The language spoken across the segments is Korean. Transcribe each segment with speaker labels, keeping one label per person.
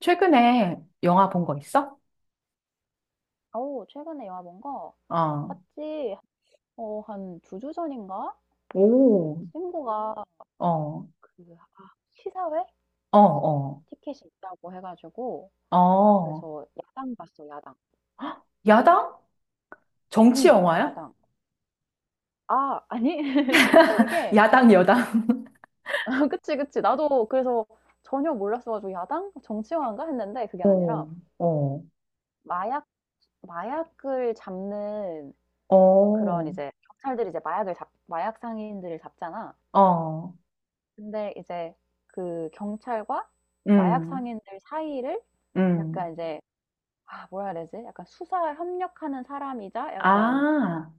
Speaker 1: 최근에 영화 본 거 있어?
Speaker 2: 어 최근에 영화 본 거?
Speaker 1: 어.
Speaker 2: 봤지. 어 한 두 주 전인가? 그
Speaker 1: 오.
Speaker 2: 친구가
Speaker 1: 어.
Speaker 2: 그 아 시사회
Speaker 1: 어, 어.
Speaker 2: 티켓이 있다고 해 가지고
Speaker 1: 어.
Speaker 2: 그래서 야당 봤어 야당.
Speaker 1: 야당? 정치
Speaker 2: 응
Speaker 1: 영화야?
Speaker 2: 야당. 아 아니 그게
Speaker 1: 야당, 여당.
Speaker 2: 그치, 그치. 나도 그래서 전혀 몰랐어 가지고 '야당? 정치화인가?' 했는데 그게
Speaker 1: 어.
Speaker 2: 아니라
Speaker 1: 어.
Speaker 2: 마약 마약을 잡는 그런
Speaker 1: 어.
Speaker 2: 이제 경찰들이 이제 마약 상인들을 잡잖아.
Speaker 1: 어.
Speaker 2: 근데 이제 그 경찰과 마약
Speaker 1: 음.
Speaker 2: 상인들 사이를
Speaker 1: 음.
Speaker 2: 약간 이제 아 뭐라 해야 되지? 약간 수사에 협력하는 사람이자 약간
Speaker 1: 아.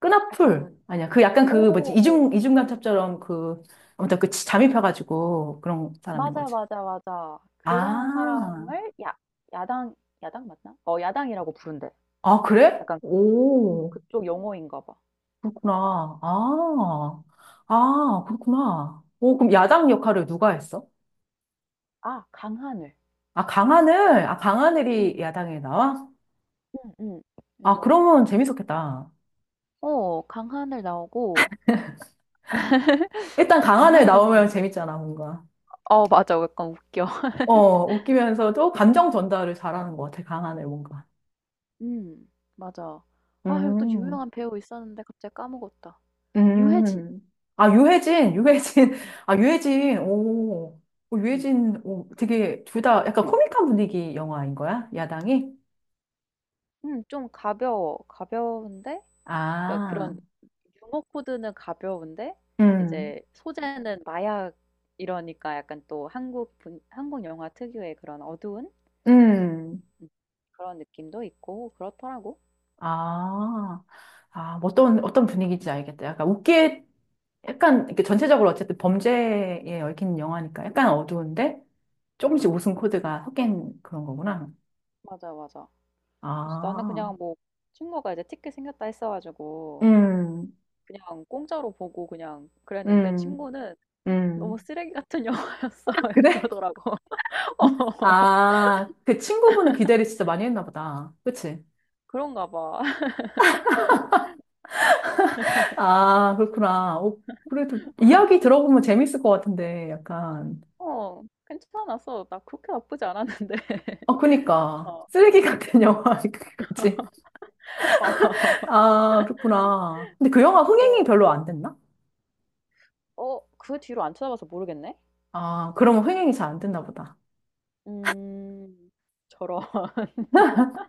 Speaker 1: 끈앞풀.
Speaker 2: 약간
Speaker 1: 아니야. 그 약간 그 뭐지?
Speaker 2: 어
Speaker 1: 이중간첩처럼 그 아무튼 그 잠입해 가지고 그런 사람인
Speaker 2: 맞아,
Speaker 1: 거지.
Speaker 2: 맞아, 맞아. 그런
Speaker 1: 아.
Speaker 2: 사람을 야 야당 야당 맞나? 어 야당이라고 부른대.
Speaker 1: 아, 그래?
Speaker 2: 약간
Speaker 1: 오.
Speaker 2: 그쪽 용어인가 봐.
Speaker 1: 그렇구나.
Speaker 2: 음.
Speaker 1: 아, 아, 그렇구나. 오, 그럼 야당 역할을 누가 했어?
Speaker 2: 아 강하늘.
Speaker 1: 아, 강하늘. 아, 강하늘이
Speaker 2: 음.
Speaker 1: 야당에 나와?
Speaker 2: 음음.
Speaker 1: 아,
Speaker 2: 그래서
Speaker 1: 그러면 재밌었겠다.
Speaker 2: 어 강하늘 나오고
Speaker 1: 일단 강하늘
Speaker 2: 강하늘
Speaker 1: 나오면
Speaker 2: 나오고
Speaker 1: 재밌잖아, 뭔가.
Speaker 2: 어 맞아. 약간 웃겨.
Speaker 1: 어, 웃기면서도 감정 전달을 잘하는 것 같아, 강하늘 뭔가.
Speaker 2: 음. 맞아. 아 이거 또
Speaker 1: 음,
Speaker 2: 유명한 배우 있었는데 갑자기 까먹었다. 유해진.
Speaker 1: 아, 유해진, 유해진.
Speaker 2: 음.
Speaker 1: 아, 유해진. 오, 오,
Speaker 2: 음.
Speaker 1: 유해진. 오, 되게 둘 다 약간 코믹한 분위기 영화인 거야, 야당이?
Speaker 2: 좀 가벼워. 가벼운데 그러니까
Speaker 1: 아,
Speaker 2: 그런 유머 코드는 가벼운데
Speaker 1: 음.
Speaker 2: 이제 소재는 마약 이러니까 약간 또 한국 영화 특유의 그런 어두운
Speaker 1: 음.
Speaker 2: 음 그런 느낌도 있고 그렇더라고.
Speaker 1: 아, 아, 뭐 어떤, 어떤 분위기인지 알겠다. 약간 웃기에, 약간, 이렇게 전체적으로 어쨌든 범죄에 얽힌 영화니까 약간 어두운데 조금씩
Speaker 2: 음음.
Speaker 1: 웃음 코드가 섞인 그런 거구나.
Speaker 2: 맞아, 맞아. 그래서 나는
Speaker 1: 아,
Speaker 2: 그냥 뭐 친구가 이제 티켓 생겼다 했어 가지고
Speaker 1: 음,
Speaker 2: 그냥 공짜로 보고 그냥 그랬는데
Speaker 1: 음,
Speaker 2: 친구는 너무
Speaker 1: 음.
Speaker 2: 쓰레기 같은 영화였어
Speaker 1: 그래?
Speaker 2: 이러더라고. 어,
Speaker 1: 아, 그 친구분은 기대를 진짜 많이 했나 보다. 그치?
Speaker 2: 그런가 봐.
Speaker 1: 아, 그렇구나. 어, 그래도 이야기 들어보면 재밌을 것 같은데, 약간.
Speaker 2: 어, 괜찮았어. 나 그렇게 나쁘지 않았는데.
Speaker 1: 어, 그니까.
Speaker 2: 어,
Speaker 1: 쓰레기 같은 영화까지.
Speaker 2: 어,
Speaker 1: 아, 그렇구나. 근데 그 영화 흥행이
Speaker 2: 어,
Speaker 1: 별로 안 됐나?
Speaker 2: 어, 그 뒤로 안 찾아봐서 모르겠네?
Speaker 1: 아, 그러면 흥행이 잘 안 됐나 보다.
Speaker 2: 음, 저런.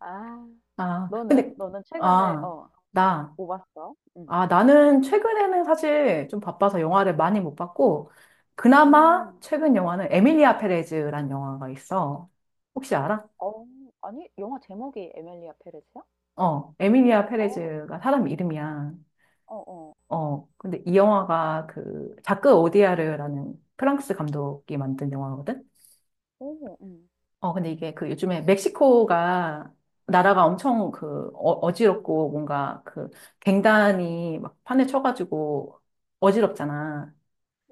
Speaker 2: 아,
Speaker 1: 아,
Speaker 2: 너는,
Speaker 1: 근데,
Speaker 2: 너는 최근에,
Speaker 1: 아,
Speaker 2: 어,
Speaker 1: 나,
Speaker 2: 뭐 봤어? 응.
Speaker 1: 아, 나는 최근에는 사실 좀 바빠서 영화를 많이 못 봤고, 그나마
Speaker 2: 음,
Speaker 1: 최근 영화는 에밀리아 페레즈란 영화가 있어. 혹시 알아?
Speaker 2: 어, 아니, 영화 제목이 에밀리아 페레스야?
Speaker 1: 어, 에밀리아
Speaker 2: 어,
Speaker 1: 페레즈가 사람 이름이야.
Speaker 2: 어, 어,
Speaker 1: 어, 근데 이 영화가 그, 자크 오디아르라는 프랑스 감독이 만든 영화거든?
Speaker 2: 오,
Speaker 1: 어, 근데 이게 그 요즘에 멕시코가 나라가 엄청 그 어, 어지럽고 뭔가 그 갱단이 막 판에 쳐가지고 어지럽잖아.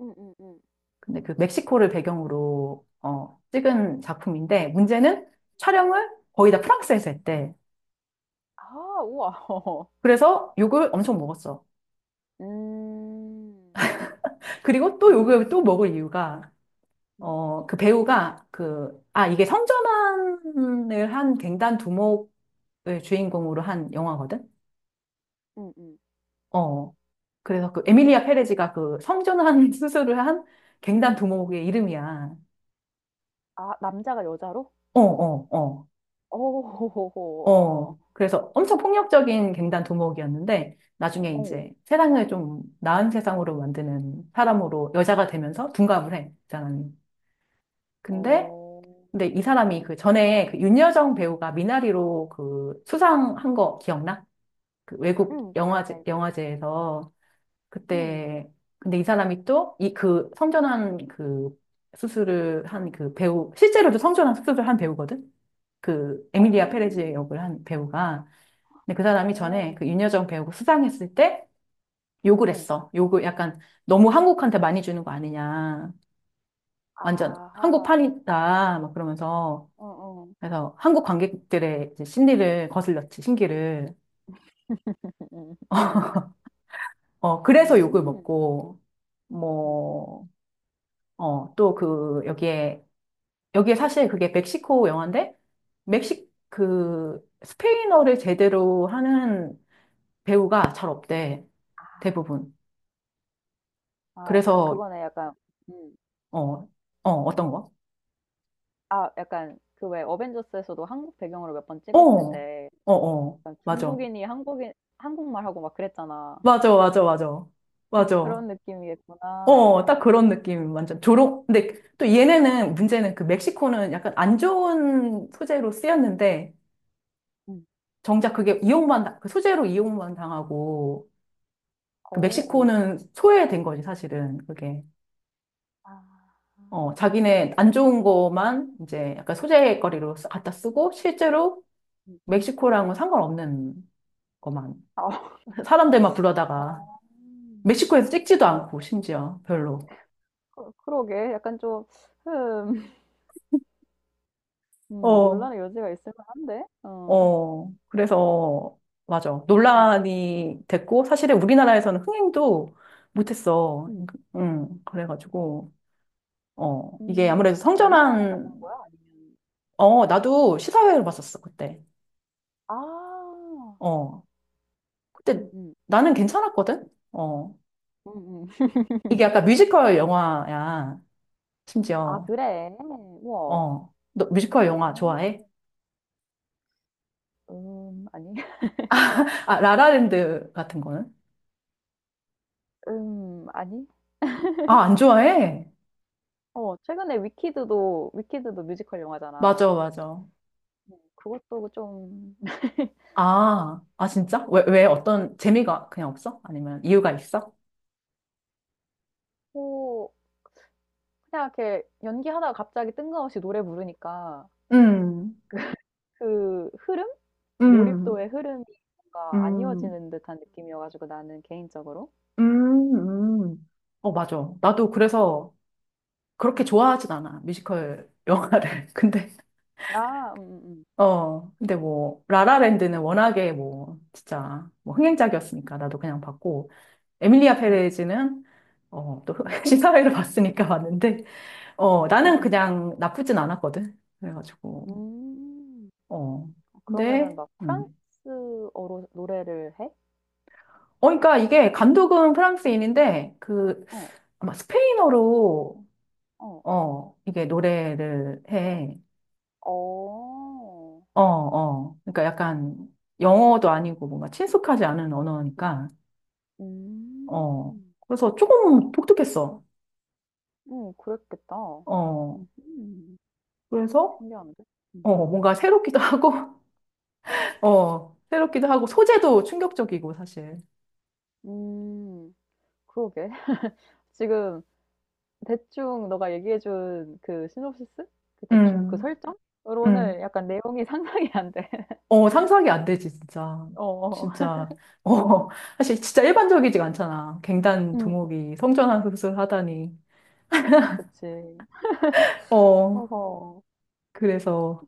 Speaker 2: 음, 음, 음.
Speaker 1: 근데 그 멕시코를 배경으로 어, 찍은 작품인데 문제는 촬영을 거의 다 프랑스에서 했대.
Speaker 2: 아, 우와. 어.
Speaker 1: 그래서 욕을 엄청 먹었어.
Speaker 2: 음,
Speaker 1: 그리고 또 욕을
Speaker 2: 음,
Speaker 1: 또 먹을 이유가
Speaker 2: 음.
Speaker 1: 어, 그 배우가 그, 아, 이게 성전환을 한 갱단 두목을 주인공으로 한 영화거든?
Speaker 2: 음음.
Speaker 1: 어. 그래서 그 에밀리아 페레지가 그 성전환 수술을 한 갱단 두목의 이름이야.
Speaker 2: 아 남자가 여자로?
Speaker 1: 어, 어,
Speaker 2: 어.
Speaker 1: 어,
Speaker 2: 어어.
Speaker 1: 어. 그래서 엄청 폭력적인 갱단 두목이었는데 나중에
Speaker 2: 어.
Speaker 1: 이제 세상을 좀 나은 세상으로 만드는 사람으로 여자가 되면서 둔갑을 해, 이 사람이. 근데
Speaker 2: 어.
Speaker 1: 근데 이 사람이 그 전에 그 윤여정 배우가 미나리로 그 수상한 거 기억나? 그 외국
Speaker 2: 음. 알지,
Speaker 1: 영화제
Speaker 2: 알지.
Speaker 1: 영화제에서
Speaker 2: 음.
Speaker 1: 그때 근데 이 사람이 또 이 그 성전환 그 수술을 한 그 배우 실제로도 성전환 수술을 한 배우거든. 그 에밀리아
Speaker 2: 어.
Speaker 1: 페레즈 역을 한 배우가 근데 그 사람이 전에
Speaker 2: 어.
Speaker 1: 그
Speaker 2: 음.
Speaker 1: 윤여정 배우가 수상했을 때 욕을
Speaker 2: 어.
Speaker 1: 했어. 욕을 약간 너무 한국한테 많이 주는 거 아니냐. 완전
Speaker 2: 아하.
Speaker 1: 한국판이다. 막 그러면서
Speaker 2: 어어. 음.
Speaker 1: 그래서 한국 관객들의 이제 심리를 거슬렸지. 신기를 어 그래서 욕을
Speaker 2: 음흠.
Speaker 1: 먹고
Speaker 2: 음음.
Speaker 1: 뭐 어 또 그 여기에 사실 그게 멕시코 영화인데, 그, 스페인어를 제대로 하는 배우가 잘 없대,
Speaker 2: 아.
Speaker 1: 대부분.
Speaker 2: 아 약간
Speaker 1: 그래서,
Speaker 2: 그거네. 약간 음.
Speaker 1: 어, 어, 어떤 거?
Speaker 2: 아 약간 그 왜 어벤져스에서도 한국 배경으로 몇 번
Speaker 1: 어,
Speaker 2: 찍었을 때
Speaker 1: 어, 어,
Speaker 2: 약간
Speaker 1: 맞아.
Speaker 2: 중국인이 한국인 한국말하고 막 그랬잖아.
Speaker 1: 맞아, 맞아, 맞아.
Speaker 2: 음.
Speaker 1: 맞아.
Speaker 2: 그런 느낌이겠구나.
Speaker 1: 어, 딱 그런 느낌, 완전. 조롱, 근데 또 얘네는, 문제는 그 멕시코는 약간 안 좋은 소재로 쓰였는데,
Speaker 2: 음.
Speaker 1: 정작 그게 이용만, 그 소재로 이용만 당하고, 그
Speaker 2: 어. 음.
Speaker 1: 멕시코는 소외된 거지, 사실은, 그게.
Speaker 2: 아.
Speaker 1: 어, 자기네 안 좋은 거만 이제 약간
Speaker 2: 음.
Speaker 1: 소재거리로 갖다 쓰고 실제로
Speaker 2: 음.
Speaker 1: 멕시코랑은 상관없는 것만
Speaker 2: 아.
Speaker 1: 사람들만
Speaker 2: 어.
Speaker 1: 불러다가 멕시코에서 찍지도 않고
Speaker 2: 어
Speaker 1: 심지어 별로.
Speaker 2: 그 그러게. 약간 좀 흠
Speaker 1: 어,
Speaker 2: 논란의 여지가 있을 만한데. 어.
Speaker 1: 어. 그래서 맞아.
Speaker 2: 음음.
Speaker 1: 논란이 됐고 사실은 우리나라에서는 흥행도 못했어.
Speaker 2: 음.
Speaker 1: 응, 그래가지고 어, 이게
Speaker 2: 음.
Speaker 1: 아무래도
Speaker 2: 어 영화관에서 본
Speaker 1: 성전환
Speaker 2: 거야? 아니면
Speaker 1: 어, 나도 시사회를 봤었어, 그때.
Speaker 2: 아.
Speaker 1: 어, 그때
Speaker 2: 음음.
Speaker 1: 나는 괜찮았거든? 어,
Speaker 2: 음음.
Speaker 1: 이게 약간 뮤지컬 영화야,
Speaker 2: 아
Speaker 1: 심지어.
Speaker 2: 그래? 우와.
Speaker 1: 어. 너 뮤지컬 영화 좋아해?
Speaker 2: 아니.
Speaker 1: 아, 라라랜드 같은 거는?
Speaker 2: 아니.
Speaker 1: 아, 안 좋아해?
Speaker 2: 어 최근에 위키드도 뮤지컬 영화잖아.
Speaker 1: 맞아, 맞아.
Speaker 2: 그것도 좀
Speaker 1: 아, 아, 진짜? 왜, 왜
Speaker 2: 음.
Speaker 1: 어떤
Speaker 2: 음.
Speaker 1: 재미가 그냥 없어? 아니면 이유가 있어?
Speaker 2: 호 그냥 이렇게 연기하다가 갑자기 뜬금없이 노래 부르니까
Speaker 1: 음,
Speaker 2: 그 흐름?
Speaker 1: 음,
Speaker 2: 몰입도의 흐름이 뭔가 안
Speaker 1: 음,
Speaker 2: 이어지는 듯한 느낌이어 가지고 나는 개인적으로.
Speaker 1: 음, 음. 어, 맞아. 나도 그래서 그렇게
Speaker 2: 음.
Speaker 1: 좋아하진 않아, 뮤지컬 영화를. 근데,
Speaker 2: 아
Speaker 1: 어, 근데 뭐, 라라랜드는 워낙에 뭐, 진짜, 뭐, 흥행작이었으니까 나도 그냥 봤고, 에밀리아
Speaker 2: 음.
Speaker 1: 페레즈는 어, 또
Speaker 2: 음.
Speaker 1: 시사회를 봤으니까 봤는데 어, 나는
Speaker 2: 음음.
Speaker 1: 그냥 나쁘진 않았거든. 그래가지고
Speaker 2: 음.
Speaker 1: 어,
Speaker 2: 어
Speaker 1: 근데
Speaker 2: 그러면은 막 프랑스어로 노래를 해?
Speaker 1: 어, 그러니까 이게 감독은
Speaker 2: 음.
Speaker 1: 프랑스인인데 그
Speaker 2: 어.
Speaker 1: 아마 스페인어로
Speaker 2: 어.
Speaker 1: 어, 이게 노래를 해.
Speaker 2: 어.
Speaker 1: 어, 어. 그러니까 약간 영어도 아니고 뭔가 친숙하지 않은 언어니까
Speaker 2: 음.
Speaker 1: 어. 그래서 조금 독특했어.
Speaker 2: 그랬겠다.
Speaker 1: 어.
Speaker 2: 음음.
Speaker 1: 그래서
Speaker 2: 신기한데? 음.
Speaker 1: 어, 뭔가 새롭기도 하고 어, 새롭기도 하고, 소재도 충격적이고, 사실.
Speaker 2: 음. 그러게. 지금 대충 너가 얘기해 준 그 시놉시스? 그 대충 그
Speaker 1: 음,
Speaker 2: 설정으로는
Speaker 1: 음,
Speaker 2: 약간 내용이 상상이 안 돼.
Speaker 1: 어, 상상이 안 되지, 진짜.
Speaker 2: 어어.
Speaker 1: 진짜. 어, 사실 진짜 일반적이지가 않잖아. 갱단
Speaker 2: 음
Speaker 1: 두목이 성전환 수술 하다니.
Speaker 2: 그치.
Speaker 1: 어,
Speaker 2: 허허
Speaker 1: 그래서,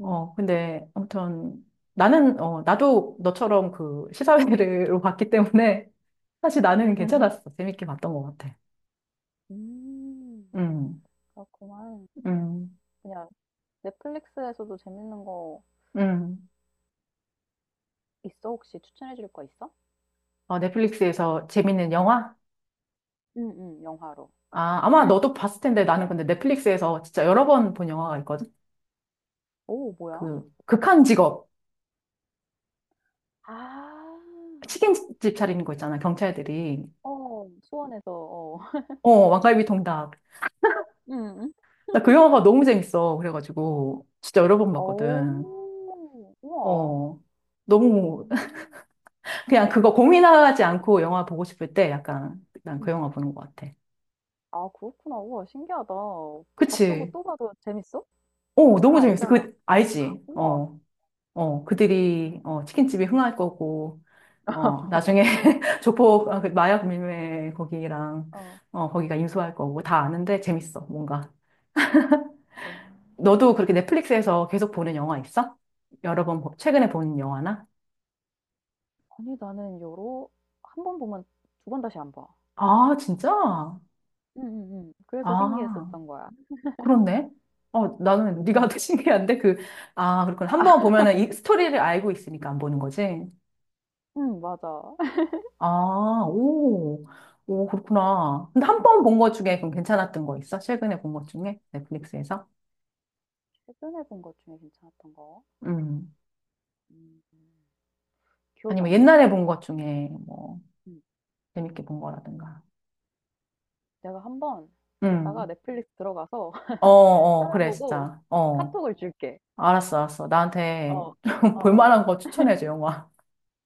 Speaker 2: 음.
Speaker 1: 어, 근데 아무튼 나는, 어, 나도 너처럼 그 시사회를 봤기 때문에 사실 나는
Speaker 2: 음음. 음.
Speaker 1: 괜찮았어. 재밌게 봤던 것 같아.
Speaker 2: 음,
Speaker 1: 음.
Speaker 2: 그렇구만.
Speaker 1: 음,
Speaker 2: 그냥 넷플릭스에서도 재밌는 거
Speaker 1: 음.
Speaker 2: 있어? 혹시 추천해 줄 거 있어?
Speaker 1: 어, 넷플릭스에서 재밌는 영화?
Speaker 2: 응 응 영화로.
Speaker 1: 아, 아마 너도 봤을 텐데 나는 근데 넷플릭스에서 진짜 여러 번 본 영화가 있거든?
Speaker 2: 오 뭐야?
Speaker 1: 그, 극한 직업.
Speaker 2: 아.
Speaker 1: 치킨집 차리는 거 있잖아, 경찰들이.
Speaker 2: 어. 수원에서 어.
Speaker 1: 어, 왕갈비 통닭.
Speaker 2: 응
Speaker 1: 나 그 영화가 너무 재밌어. 그래가지고, 진짜 여러 번 봤거든.
Speaker 2: 어. 우와.
Speaker 1: 어, 너무,
Speaker 2: 음.
Speaker 1: 그냥 그거 고민하지 않고 영화 보고 싶을 때 약간, 난 그
Speaker 2: 음.
Speaker 1: 영화 보는 것 같아.
Speaker 2: 아 그렇구나. 우와 신기하다. 봤던 거
Speaker 1: 그치?
Speaker 2: 또 봐도 재밌어?
Speaker 1: 어,
Speaker 2: 다
Speaker 1: 너무 재밌어.
Speaker 2: 알잖아.
Speaker 1: 그, 알지?
Speaker 2: 우와.
Speaker 1: 어, 어,
Speaker 2: 음.
Speaker 1: 그들이, 어, 치킨집이 흥할 거고, 어, 나중에 조폭, 아, 그 마약 밀매 거기랑,
Speaker 2: 어.
Speaker 1: 어, 거기가 인수할 거고 다 아는데 재밌어, 뭔가.
Speaker 2: 어.
Speaker 1: 너도 그렇게 넷플릭스에서 계속 보는 영화 있어? 여러 번, 최근에 본 영화나?
Speaker 2: 아니 나는 여러 한 번 보면 두 번 다시 안 봐.
Speaker 1: 아, 진짜?
Speaker 2: 응응응 그래서
Speaker 1: 아,
Speaker 2: 신기했었던 거야.
Speaker 1: 그렇네. 어, 나는 네가 더
Speaker 2: 응
Speaker 1: 신기한데 그, 아, 그렇군. 한번 보면은 이 스토리를 알고 있으니까 안 보는 거지.
Speaker 2: 응 맞아.
Speaker 1: 아, 오, 오, 그렇구나. 근데 한 번 본 것 중에
Speaker 2: 응
Speaker 1: 그럼 괜찮았던 거 있어? 최근에 본 것 중에 넷플릭스에서?
Speaker 2: 최근에 본 것 중에 괜찮았던 거?
Speaker 1: 음.
Speaker 2: 음. 기억이
Speaker 1: 아니면
Speaker 2: 안 나.
Speaker 1: 옛날에 본 것 중에 뭐
Speaker 2: 응
Speaker 1: 재밌게 본 거라든가.
Speaker 2: 내가 한 번 이따가
Speaker 1: 음.
Speaker 2: 넷플릭스 들어가서
Speaker 1: 어, 어, 그래,
Speaker 2: 찾아보고
Speaker 1: 진짜. 어.
Speaker 2: 카톡을 줄게.
Speaker 1: 알았어, 알았어. 나한테
Speaker 2: 어. 어 어.
Speaker 1: 볼만한 거 추천해줘, 영화.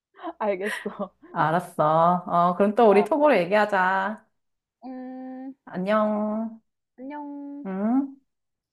Speaker 2: 알겠어.
Speaker 1: 알았어. 어, 그럼 또 우리
Speaker 2: 아.
Speaker 1: 톡으로 얘기하자.
Speaker 2: 음.
Speaker 1: 안녕.
Speaker 2: 안녕.
Speaker 1: 응?